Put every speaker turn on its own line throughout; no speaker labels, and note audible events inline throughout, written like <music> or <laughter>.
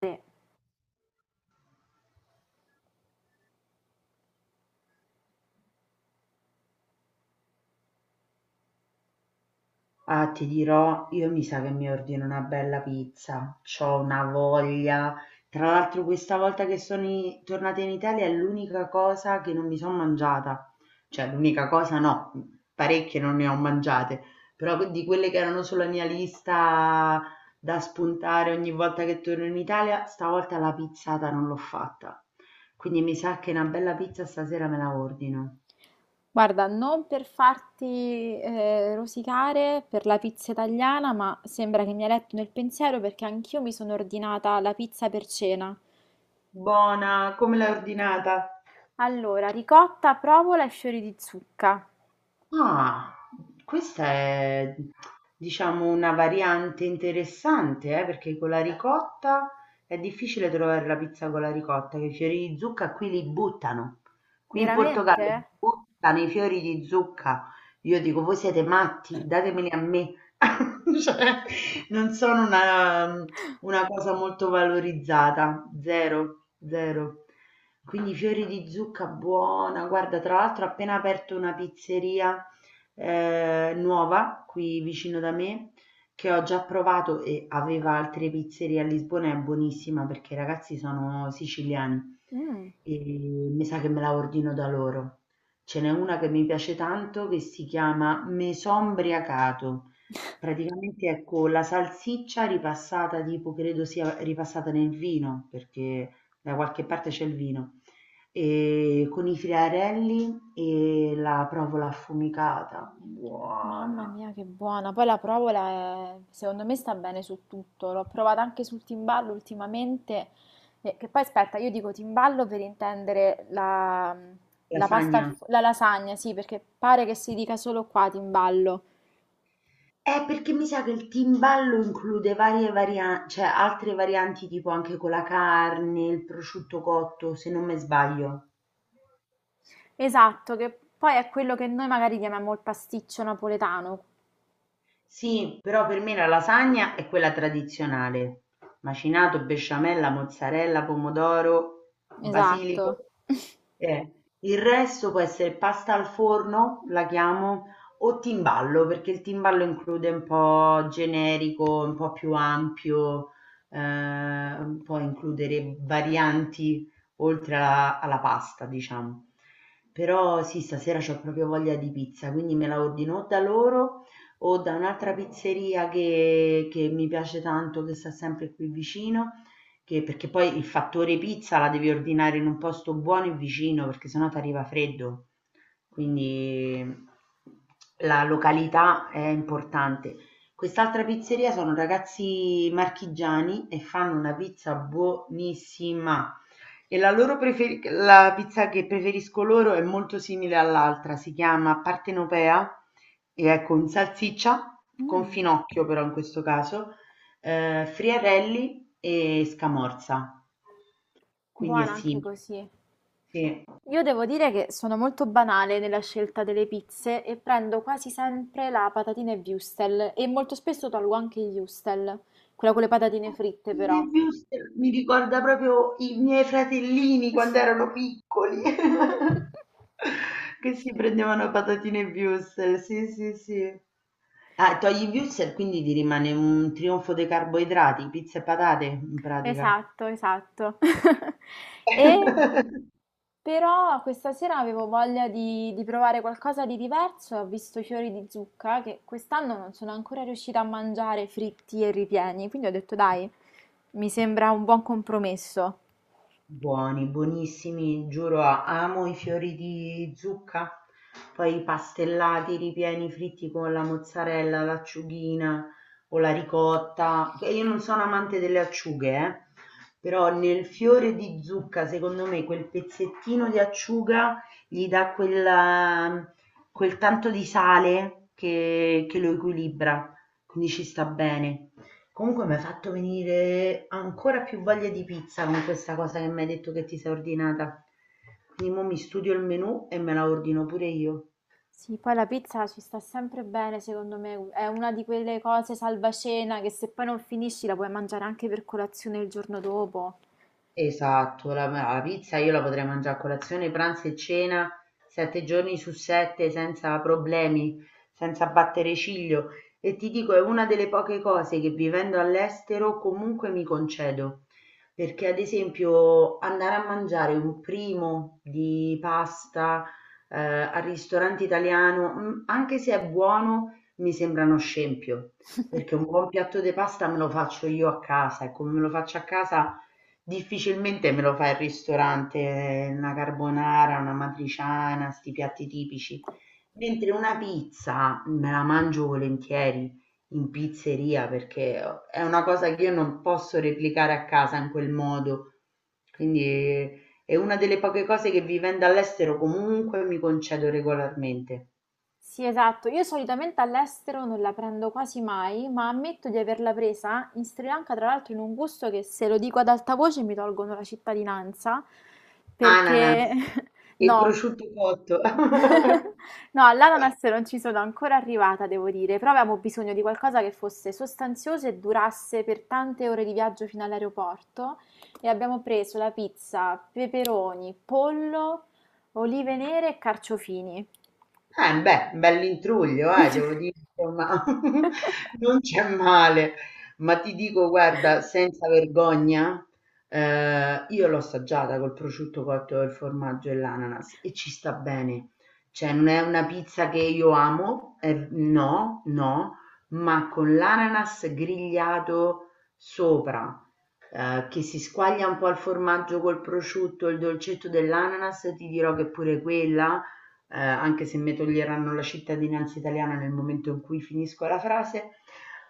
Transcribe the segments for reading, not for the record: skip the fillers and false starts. Sì.
Ah, ti dirò, io mi sa che mi ordino una bella pizza. C'ho una voglia. Tra l'altro, questa volta che tornata in Italia è l'unica cosa che non mi sono mangiata. Cioè, l'unica cosa no, parecchie non ne ho mangiate, però di quelle che erano sulla mia lista da spuntare ogni volta che torno in Italia, stavolta la pizzata non l'ho fatta. Quindi mi sa che una bella pizza stasera me la ordino.
Guarda, non per farti rosicare per la pizza italiana, ma sembra che mi hai letto nel pensiero perché anch'io mi sono ordinata la pizza per cena.
Buona, come l'hai ordinata?
Allora, ricotta, provola e fiori di zucca.
Ah, questa è diciamo una variante interessante, perché con la ricotta è difficile trovare la pizza con la ricotta, che i fiori di zucca qui li buttano. Qui in
Veramente?
Portogallo buttano i fiori di zucca. Io dico, voi siete matti, datemeli a me. <laughs> Cioè, non sono una cosa molto valorizzata, zero, zero. Quindi fiori di zucca buona, guarda, tra l'altro ho appena aperto una pizzeria nuova qui vicino da me che ho già provato e aveva altre pizzerie a Lisbona, è buonissima perché i ragazzi sono siciliani
Mm.
e mi sa che me la ordino da loro. Ce n'è una che mi piace tanto che si chiama Mesombriacato. Praticamente è con la salsiccia ripassata, tipo credo sia ripassata nel vino, perché da qualche parte c'è il vino e con i friarelli e la provola affumicata,
Mamma
buona.
mia, che buona! Poi la provola, è- secondo me, sta bene su tutto. L'ho provata anche sul timballo ultimamente. Che poi, aspetta, io dico timballo per intendere la pasta, al
Lasagna.
fo- la lasagna, sì, perché pare che si dica solo qua timballo.
Perché mi sa che il timballo include varie varianti, cioè altre varianti tipo anche con la carne, il prosciutto cotto, se non me sbaglio.
Esatto, che poi è quello che noi magari chiamiamo il pasticcio napoletano.
Sì, però per me la lasagna è quella tradizionale. Macinato, besciamella, mozzarella, pomodoro, basilico.
Esatto. <laughs>
Eh, Il resto può essere pasta al forno, la chiamo, o timballo, perché il timballo include un po' generico, un po' più ampio, eh, può includere varianti oltre alla pasta, diciamo. Però sì, stasera ho proprio voglia di pizza, quindi me la ordino o da loro o da un'altra pizzeria che mi piace tanto, che sta sempre qui vicino, perché poi il fattore pizza la devi ordinare in un posto buono e vicino, perché sennò ti arriva freddo. Quindi la località è importante. Quest'altra pizzeria sono ragazzi marchigiani e fanno una pizza buonissima. E la pizza che preferisco loro è molto simile all'altra, si chiama partenopea e è con salsiccia, con
Mm,
finocchio però in questo caso, friarelli e scamorza, quindi è
buona anche
simile.
così.
Sì.
Io devo dire che sono molto banale nella scelta delle pizze e prendo quasi sempre la patatina e wurstel e molto spesso tolgo anche il wurstel, quella con le patatine fritte
Fine
però.
Wurst mi ricorda proprio i miei fratellini quando erano piccoli, <laughs> che si prendevano patatine e Würstel, sì sì sì. Ah, togli i Würstel, quindi ti rimane un trionfo dei carboidrati, pizza e patate in pratica.
Esatto, esatto. <laughs> E
<laughs>
però questa sera avevo voglia di provare qualcosa di diverso e ho visto i fiori di zucca che quest'anno non sono ancora riuscita a mangiare fritti e ripieni, quindi ho detto dai, mi sembra un buon compromesso.
Buoni, buonissimi, giuro amo i fiori di zucca, poi i pastellati ripieni fritti con la mozzarella, l'acciugina o la ricotta. E io non sono amante delle acciughe, però nel fiore di zucca secondo me quel pezzettino di acciuga gli da quel tanto di sale che lo equilibra, quindi ci sta bene. Comunque mi hai fatto venire ancora più voglia di pizza con questa cosa che mi hai detto che ti sei ordinata. Quindi mo mi studio il menù e me la ordino pure io.
Sì, poi la pizza ci sta sempre bene, secondo me, è una di quelle cose salvacena che se poi non finisci la puoi mangiare anche per colazione il giorno dopo.
Esatto, la pizza io la potrei mangià a colazione, pranzo e cena 7 giorni su 7 senza problemi, senza battere ciglio e ti dico è una delle poche cose che vivendo all'estero comunque mi concedo. Perché ad esempio andare a mangiare un primo di pasta, al ristorante italiano, mhmm, anche se è buono, mi sembra uno scempio, perché un
<laughs>
buon piatto de pasta me lo faccio io a casa e come me lo faccio a casa difficilmente me lo fa il ristorante, una carbonara, un'amatriciana, 'sti piatti tipici, mentre una pizza me la mangio volentieri in pizzeria perché o è una cosa che io non posso replicare a casa in quel modo. Quindi è una delle poche cose che vivendo all'estero comunque mi concedo regolarmente.
Sì, esatto. Io solitamente all'estero non la prendo quasi mai, ma ammetto di averla presa in Sri Lanka, tra l'altro, in un gusto che se lo dico ad alta voce mi tolgono la cittadinanza,
Ananas
perché <laughs>
e
no.
prosciutto cotto. <laughs>
<laughs> No, all'ananas non ci sono ancora arrivata, devo dire, però avevamo bisogno di qualcosa che fosse sostanzioso e durasse per tante ore di viaggio fino all'aeroporto e abbiamo preso la pizza, peperoni, pollo, olive nere e carciofini.
Eh beh, un bell'intruglio devo dire insomma, <laughs>
<laughs>
non c'è male. Ma ti dico guarda, senza vergogna, io l'ho assaggiata col prosciutto cotto, il formaggio e l'ananas e ci sta bene. Cioè non è una pizza che io amo, no, no, ma con l'ananas grigliato sopra, che si squaglia un po' il formaggio col prosciutto, il dolcetto dell'ananas, ti dirò che pure quella anche se mi toglieranno la cittadinanza italiana nel momento in cui finisco la frase,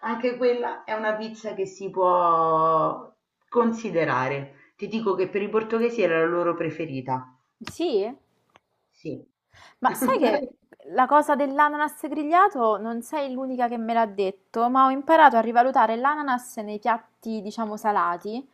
anche quella è una pizza che si può considerare. Ti dico che per i portoghesi era la loro preferita.
Sì?
Sì.
Ma sai
<laughs>
che la cosa dell'ananas grigliato non sei l'unica che me l'ha detto, ma ho imparato a rivalutare l'ananas nei piatti, diciamo, salati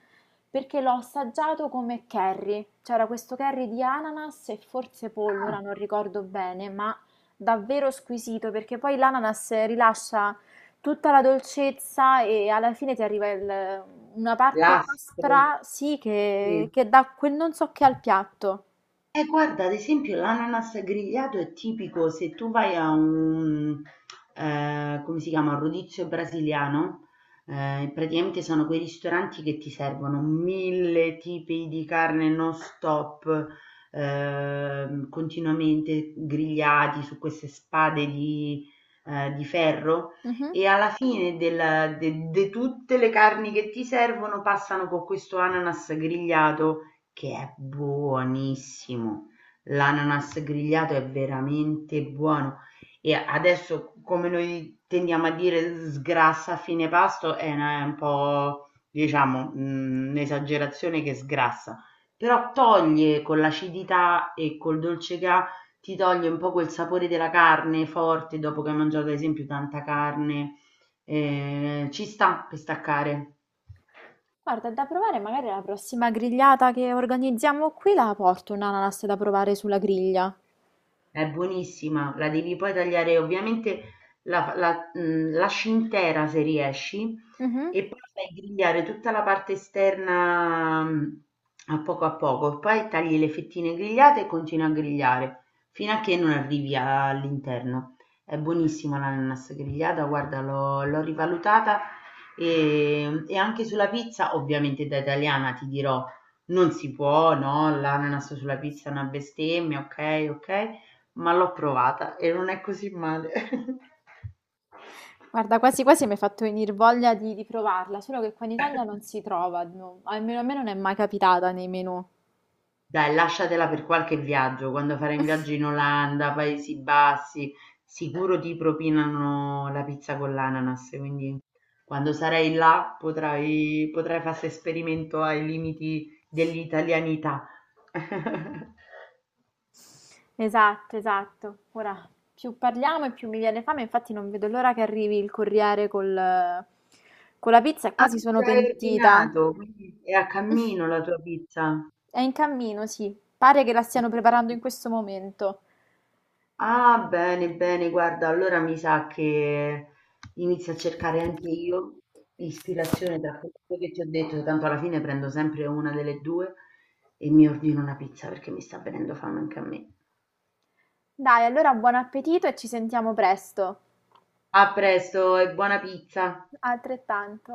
perché l'ho assaggiato come curry. C'era questo curry di ananas e forse pollo,
Ah,
ora non ricordo bene, ma davvero squisito perché poi l'ananas rilascia tutta la dolcezza e alla fine ti arriva il- una parte
lastre.
aspra, sì,
Sì.
che dà quel non so che al piatto.
E guarda, ad esempio l'ananas grigliato è tipico se tu vai a come si chiama, rodizio brasiliano, praticamente sono quei ristoranti che ti servono mille tipi di carne non stop, continuamente grigliati su queste spade di ferro
Mhm.
e alla fine del- de de tutte le carni che ti servono passano con questo ananas grigliato che è buonissimo. L'ananas grigliato è veramente buono e adesso come noi tendiamo a dire sgrassa a fine pasto è un po' diciamo un'esagerazione che sgrassa, però toglie con l'acidità e col dolce che ha, ti toglie un po' quel sapore della carne forte dopo che hai mangiato ad esempio tanta carne, eh, ci sta per staccare.
Guarda, è da provare, magari la prossima grigliata che organizziamo qui la porto un'ananas da provare sulla griglia.
È buonissima, la devi poi tagliare ovviamente la mhmm, lasci intera se riesci
Mhm.
e poi fai grigliare tutta la parte esterna, mhmm, a poco, poi tagli le fettine grigliate e continui a grigliare fino a che non arrivi all'interno. È buonissima l'ananas grigliata, guarda l'ho rivalutata, e anche sulla pizza, ovviamente da italiana ti dirò, non si può, no, l'ananas sulla pizza è una bestemmia, okay, okay, ma l'ho provata e non è così male. <laughs>
Guarda, quasi quasi mi hai fatto venire voglia di provarla, solo che qua in Italia non si trova, no, almeno a me non è mai capitata nei menù.
Dai, lasciatela per qualche viaggio, quando farai un viaggio in Olanda, Paesi Bassi, sicuro ti propinano la pizza con l'ananas, quindi quando sarai là potrai fare esperimento ai limiti dell'italianità. <laughs>
Esatto, esatto. Ora, più parliamo e più mi viene fame, infatti non vedo l'ora che arrivi il corriere con la pizza e
Ah,
quasi sono
già hai
pentita.
ordinato, quindi è a cammino la tua pizza.
È in cammino, sì, pare che la stiano preparando in questo momento.
Ah, bene, bene, guarda, allora mi sa che inizio a cercare anche io ispirazione tra quello che ti ho detto, tanto alla fine prendo sempre una delle due e mi ordino una pizza perché mi sta venendo fame anche a me.
Dai, allora buon appetito e ci sentiamo presto.
A presto e buona pizza!
Altrettanto.